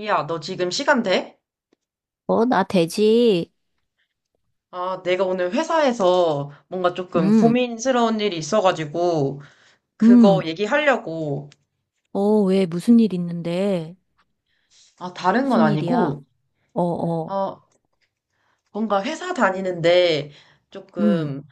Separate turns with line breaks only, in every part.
야, 너 지금 시간 돼?
어, 나 되지.
아, 내가 오늘 회사에서 뭔가 조금
음,
고민스러운 일이 있어가지고, 그거
음.
얘기하려고.
어, 왜 무슨 일 있는데?
아, 다른 건
무슨 일이야?
아니고,
어, 어.
어, 뭔가 회사 다니는데
음,
조금,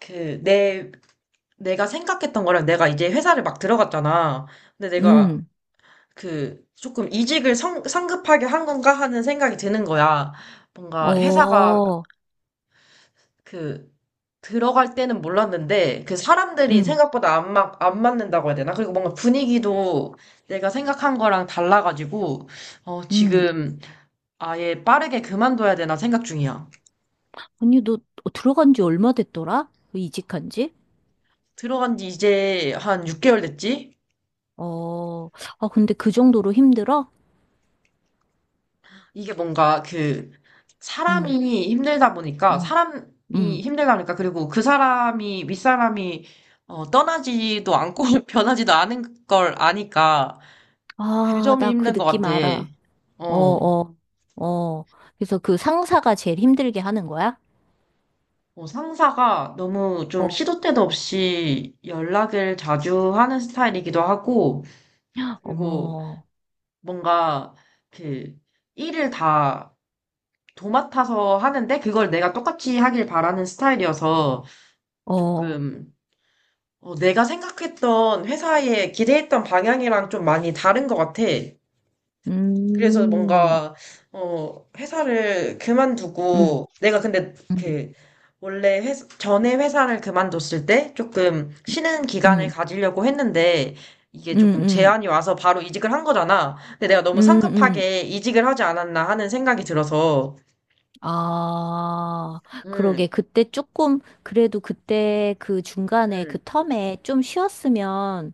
그, 내, 내가 생각했던 거랑 내가 이제 회사를 막 들어갔잖아. 근데 내가
음.
그, 조금 이직을 성급하게 한 건가 하는 생각이 드는 거야. 뭔가 회사가
어,
그 들어갈 때는 몰랐는데 그 사람들이
음,
생각보다 안 맞는다고 해야 되나? 그리고 뭔가 분위기도 내가 생각한 거랑 달라가지고 어,
음.
지금 아예 빠르게 그만둬야 되나 생각 중이야.
아니, 너 들어간 지 얼마 됐더라? 이직한 지?
들어간 지 이제 한 6개월 됐지?
어, 아, 근데 그 정도로 힘들어?
이게 뭔가
음,
사람이 힘들다 보니까
음, 음.
그리고 그 사람이 윗사람이 어, 떠나지도 않고 변하지도 않은 걸 아니까 그
아,
점이
나 그
힘든 것
느낌
같아.
알아. 어,
어.
어, 어. 그래서 그 상사가 제일 힘들게 하는 거야?
어, 상사가 너무 좀
어.
시도 때도 없이 연락을 자주 하는 스타일이기도 하고, 그리고
어머,
뭔가 그 일을 다 도맡아서 하는데 그걸 내가 똑같이 하길 바라는 스타일이어서
어,
조금 어, 내가 생각했던 회사에 기대했던 방향이랑 좀 많이 다른 것 같아. 그래서
음,
뭔가, 어, 회사를
음.
그만두고, 내가 근데
음.
그, 원래 회 전에 회사를 그만뒀을 때 조금
음,
쉬는 기간을
음,
가지려고 했는데, 이게 조금
음,
제안이 와서 바로 이직을 한 거잖아. 근데 내가 너무
음, 음.
성급하게 이직을 하지 않았나 하는 생각이 들어서,
아,
음,
그러게. 그때 조금, 그래도 그때 그 중간에 그
음,
텀에 좀 쉬었으면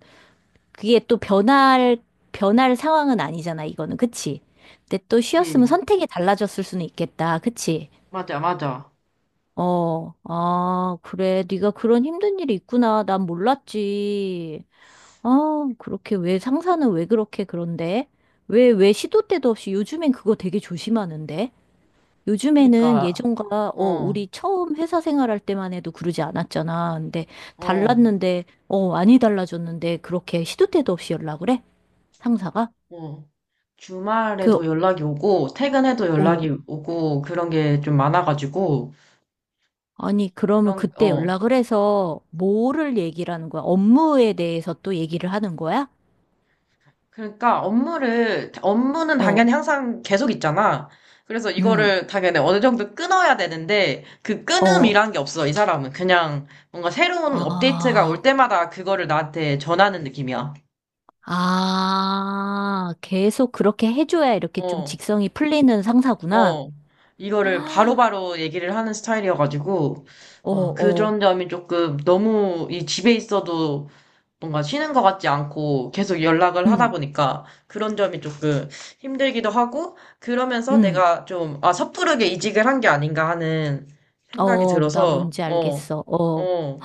그게 또 변할 상황은 아니잖아, 이거는. 그치? 근데 또
예,
쉬었으면 선택이 달라졌을 수는 있겠다. 그치?
맞아, 맞아.
어, 아, 그래. 네가 그런 힘든 일이 있구나. 난 몰랐지. 아, 그렇게 왜 상사는 왜 그렇게 그런데? 왜 시도 때도 없이 요즘엔 그거 되게 조심하는데? 요즘에는
그러니까,
예전과
어,
우리 처음 회사 생활할 때만 해도 그러지 않았잖아. 근데
어,
달랐는데 많이 달라졌는데 그렇게 시도 때도 없이 연락을 해? 상사가?
어. 주말에도
그
연락이 오고, 퇴근해도 연락이
어.
오고, 그런 게 좀 많아가지고,
아니 그러면
그런,
그때
어,
연락을 해서 뭐를 얘기를 하는 거야? 업무에 대해서 또 얘기를 하는 거야?
그러니까 업무는 당연히
어.
항상 계속 있잖아. 그래서
음.
이거를 당연히 어느 정도 끊어야 되는데, 그
어.
끊음이란 게 없어, 이 사람은. 그냥 뭔가 새로운 업데이트가 올
아.
때마다 그거를 나한테 전하는 느낌이야.
아. 계속 그렇게 해줘야 이렇게 좀
어,
직성이 풀리는 상사구나.
어. 이거를 바로바로 얘기를 하는 스타일이어가지고,
어,
아,
어.
그런 점이 조금 너무 이 집에 있어도 뭔가 쉬는 것 같지 않고 계속 연락을 하다
음.
보니까 그런 점이 조금 힘들기도 하고 그러면서
음.
내가 좀, 아, 섣부르게 이직을 한 게 아닌가 하는 생각이
어, 나
들어서,
뭔지
어,
알겠어. 어,
어,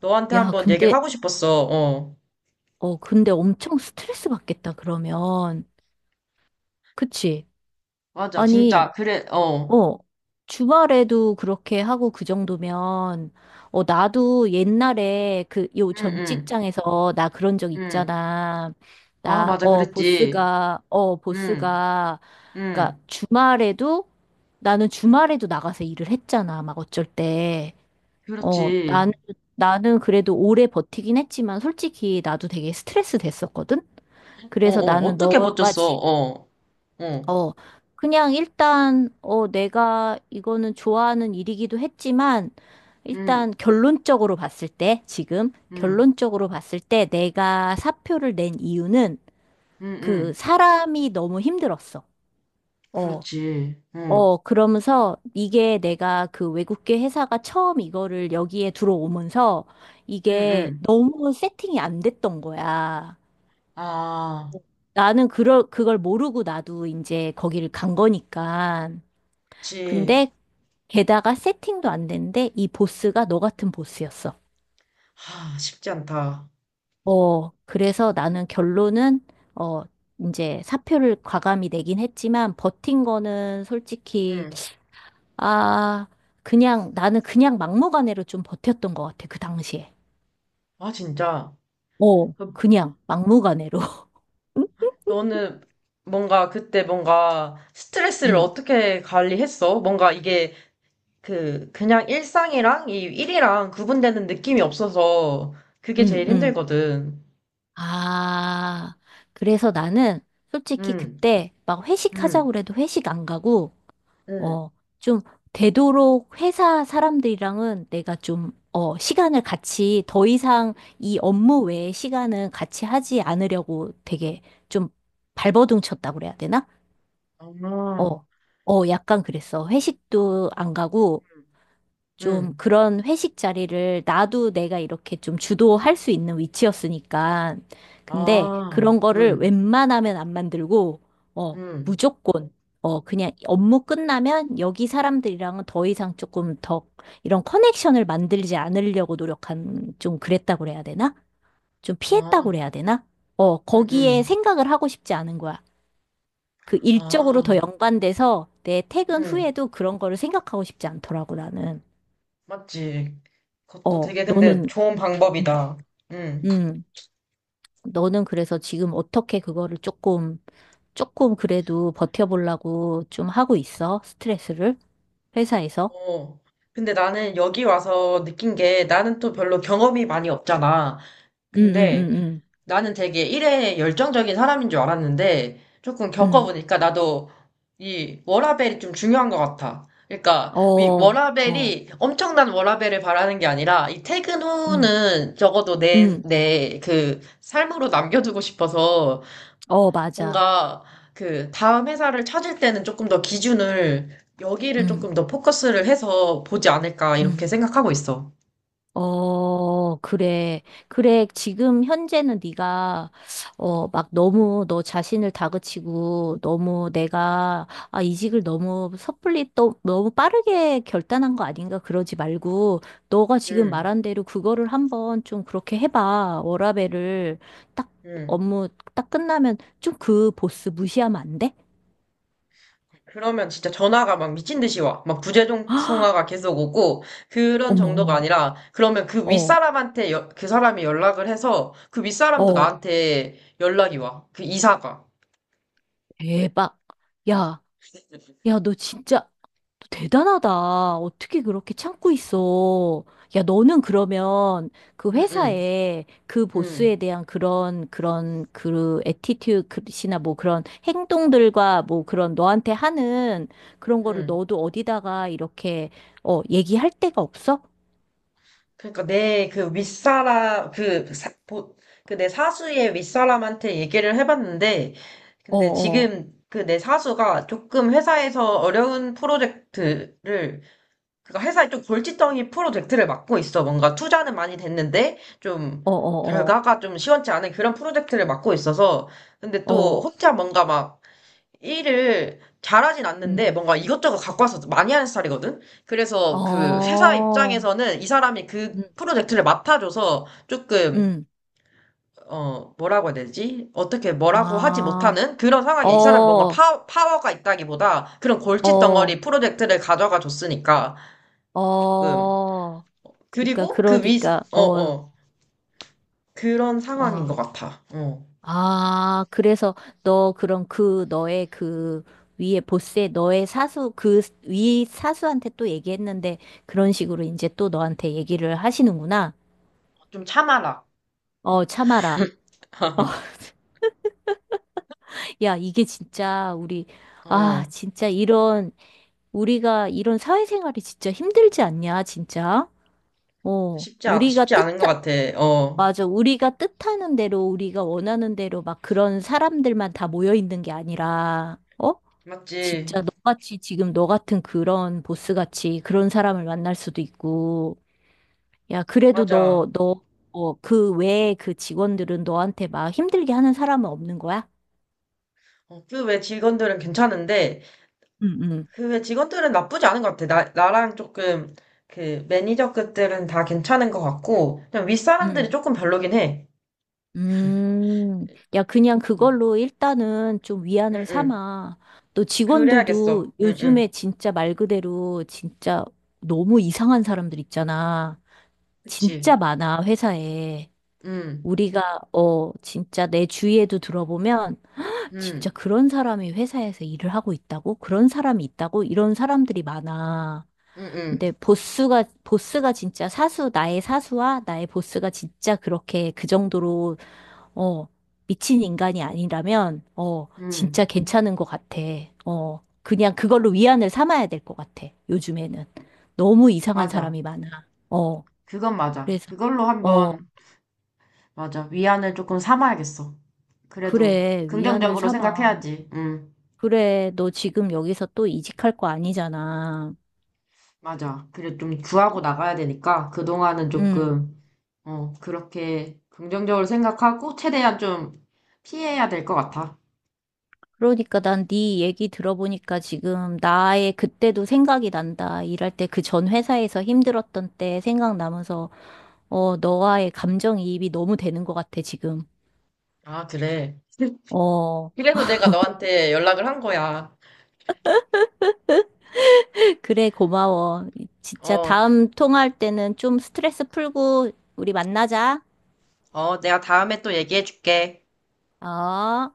너한테
야,
한번 얘기를
근데,
하고 싶었어, 어.
근데 엄청 스트레스 받겠다, 그러면. 그치?
맞아,
아니,
진짜, 그래, 어.
어, 주말에도 그렇게 하고 그 정도면, 어, 나도 옛날에 그, 요
응,
전
응,
직장에서 나 그런 적
응.
있잖아.
아,
나,
맞아,
어,
그랬지.
보스가, 어,
응,
보스가, 그니까
응.
나는 주말에도 나가서 일을 했잖아, 막 어쩔 때. 어, 나는,
그렇지.
나는 그래도 오래 버티긴 했지만 솔직히 나도 되게 스트레스 됐었거든?
어, 어,
그래서 나는
어떻게
너가
버텼어,
지금,
어, 어.
어, 그냥 일단, 내가 이거는 좋아하는 일이기도 했지만
응,
일단 결론적으로 봤을 때, 지금
응,
결론적으로 봤을 때 내가 사표를 낸 이유는
응,
그
응.
사람이 너무 힘들었어. 어.
그렇지. 어.
어, 그러면서 이게 내가 그 외국계 회사가 처음 이거를 여기에 들어오면서
응,
이게
응.
너무 세팅이 안 됐던 거야.
아,
나는 그걸 모르고 나도 이제 거기를 간 거니까.
그치.
근데 게다가 세팅도 안 됐는데 이 보스가 너 같은 보스였어.
아, 쉽지 않다.
어, 그래서 나는 결론은, 어, 이제 사표를 과감히 내긴 했지만 버틴 거는 솔직히
응.
아, 그냥, 나는 그냥 막무가내로 좀 버텼던 것 같아, 그 당시에.
아, 진짜.
어,
그,
그냥 막무가내로.
너는 뭔가 그때 뭔가 스트레스를
음,
어떻게 관리했어? 뭔가 이게 그, 그냥 일상이랑 이 일이랑 구분되는 느낌이 없어서 그게
음,
제일
음.
힘들거든.
아, 그래서 나는 솔직히
응,
그때 막 회식하자고
응,
그래도 회식 안 가고,
응.
어, 좀 되도록 회사 사람들이랑은 내가 좀, 시간을 같이 더 이상 이 업무 외에 시간은 같이 하지 않으려고 되게 좀 발버둥 쳤다고 그래야 되나?
아,
어, 어, 약간 그랬어. 회식도 안 가고,
응.
좀
응.
그런 회식 자리를 나도 내가 이렇게 좀 주도할 수 있는 위치였으니까. 근데
아,
그런 거를
응,
웬만하면 안 만들고, 어,
응.
무조건, 어, 그냥 업무 끝나면 여기 사람들이랑은 더 이상 조금 더 이런 커넥션을 만들지 않으려고 노력한, 좀 그랬다고 그래야 되나? 좀 피했다고
아,
그래야 되나? 어,
응, 응.
거기에 생각을 하고 싶지 않은 거야. 그 일적으로 더
아,
연관돼서 내 퇴근
응.
후에도 그런 거를 생각하고 싶지 않더라고, 나는.
맞지. 그것도
어,
되게 근데 좋은
음,
방법이다. 응.
음, 너는 그래서 지금 어떻게 그거를 조금, 조금 그래도 버텨보려고 좀 하고 있어? 스트레스를? 회사에서?
어. 근데 나는 여기 와서 느낀 게 나는 또 별로 경험이 많이 없잖아.
음, 음,
근데
음,
나는 되게 일에 열정적인 사람인 줄 알았는데 조금
음,
겪어보니까 나도 이 워라밸이 좀 중요한 것 같아. 그러니까 이
어, 어,
워라밸이 엄청난 워라밸을 바라는 게 아니라 이 퇴근
음,
후는 적어도
음.
내 그 삶으로 남겨두고 싶어서
어, 맞아.
뭔가 그 다음 회사를 찾을 때는 조금 더 기준을 여기를
음,
조금 더 포커스를 해서 보지 않을까 이렇게
음.
생각하고 있어.
어, 그래. 그래. 지금 현재는 네가 어, 막 너무 너 자신을 다그치고 너무 내가 아, 이직을 너무 섣불리 또 너무 빠르게 결단한 거 아닌가 그러지 말고 너가 지금
음,
말한 대로 그거를 한번 좀 그렇게 해봐. 워라밸을 딱
음.
업무 딱 끝나면 좀 그 보스 무시하면 안 돼?
그러면 진짜 전화가 막 미친 듯이 와. 막 부재중 통화가 계속 오고 그런
어머
정도가
어머.
아니라 그러면 그
어,
윗사람한테 그 사람이 연락을 해서 그 윗사람도
어,
나한테 연락이 와. 그 이사가.
대박. 야. 야, 너 진짜 너 대단하다. 어떻게 그렇게 참고 있어? 야, 너는 그러면 그
응, 응,
회사에 그 보스에
응,
대한 그런 그런 그 애티튜드나 뭐 그런 행동들과 뭐 그런 너한테 하는 그런 거를
응.
너도 어디다가 이렇게 얘기할 데가 없어?
그러니까 내 그 윗사람 그 내 사수의 윗사람한테 얘기를 해봤는데
어,
근데
어,
지금 그 내 사수가 조금 회사에서 어려운 프로젝트를 그니까 회사에 좀 골칫덩이 프로젝트를 맡고 있어. 뭔가 투자는 많이 됐는데 좀
어, 어,
결과가 좀 시원치 않은 그런 프로젝트를 맡고 있어서 근데
어,
또
어,
혼자 뭔가 막 일을 잘하진 않는데
음,
뭔가 이것저것 갖고 와서 많이 하는 스타일이거든? 그래서 그 회사
어,
입장에서는 이 사람이 그
음,
프로젝트를 맡아줘서 조금,
음,
어, 뭐라고 해야 되지? 어떻게 뭐라고 하지
아,
못하는 그런 상황에 이 사람 뭔가
어,
파워가 있다기보다 그런 골칫덩어리
어,
프로젝트를 가져가 줬으니까 조금.
어. 그러니까
그리고
그러니까
어, 어. 그런 상황인 것
아,
같아. 어.
아, 그래서 너 그럼 그 너의 그 위에 보스의 너의 사수 그 위 사수한테 또 얘기했는데 그런 식으로 이제 또 너한테 얘기를 하시는구나.
좀 참아라.
어, 참아라. 야, 이게 진짜 우리 아,
어.
진짜 이런 우리가 이런 사회생활이 진짜 힘들지 않냐, 진짜. 어, 우리가
쉽지
뜻
않은 것 같아. 어.
맞아. 우리가 뜻하는 대로, 우리가 원하는 대로 막 그런 사람들만 다 모여 있는 게 아니라, 어?
맞지.
진짜 너같이 지금 너 같은 그런 보스같이 그런 사람을 만날 수도 있고, 야, 그래도
맞아.
너, 어, 그 외에 그 직원들은 너한테 막 힘들게 하는 사람은 없는 거야?
어, 그외 직원들은 괜찮은데,
응, 응,
그 외 직원들은 나쁘지 않은 것 같아. 나랑 조금, 그, 매니저급들은 다 괜찮은 것 같고, 그냥 윗사람들이
응.
조금 별로긴 해.
음, 야, 그냥
응,
그걸로 일단은 좀
응,
위안을
응.
삼아. 또 직원들도
그래야겠어. 응, 응.
요즘에 진짜 말 그대로 진짜 너무 이상한 사람들 있잖아.
그치.
진짜 많아, 회사에.
응,
우리가, 진짜 내 주위에도 들어보면, 진짜
응,
그런 사람이 회사에서 일을 하고 있다고? 그런 사람이 있다고? 이런 사람들이 많아.
응, 응,
근데 보스가, 진짜 사수, 나의 사수와 나의 보스가 진짜 그렇게 그 정도로 어, 미친 인간이 아니라면,
응.
진짜 괜찮은 것 같아. 어, 그냥 그걸로 위안을 삼아야 될 것 같아. 요즘에는. 너무 이상한
맞아.
사람이 많아. 어,
그건 맞아.
그래서,
그걸로
어,
한번, 맞아. 위안을 조금 삼아야겠어. 그래도,
그래, 위안을
긍정적으로
삼아.
생각해야지. 응,
그래, 너 지금 여기서 또 이직할 거 아니잖아.
맞아. 그래, 좀 구하고 나가야 되니까, 그동안은
음.
조금, 어, 그렇게 긍정적으로 생각하고 최대한 좀 피해야 될 것 같아.
그러니까 난 네 얘기 들어보니까 지금 나의 그때도 생각이 난다. 일할 때 그 전 회사에서 힘들었던 때 생각나면서, 어, 너와의 감정이입이 너무 되는 것 같아, 지금.
아, 그래.
어,
그래서 내가 너한테 연락을 한 거야.
그래, 고마워. 진짜
어,
다음 통화할 때는 좀 스트레스 풀고 우리 만나자.
어, 내가 다음에 또 얘기해 줄게.
어.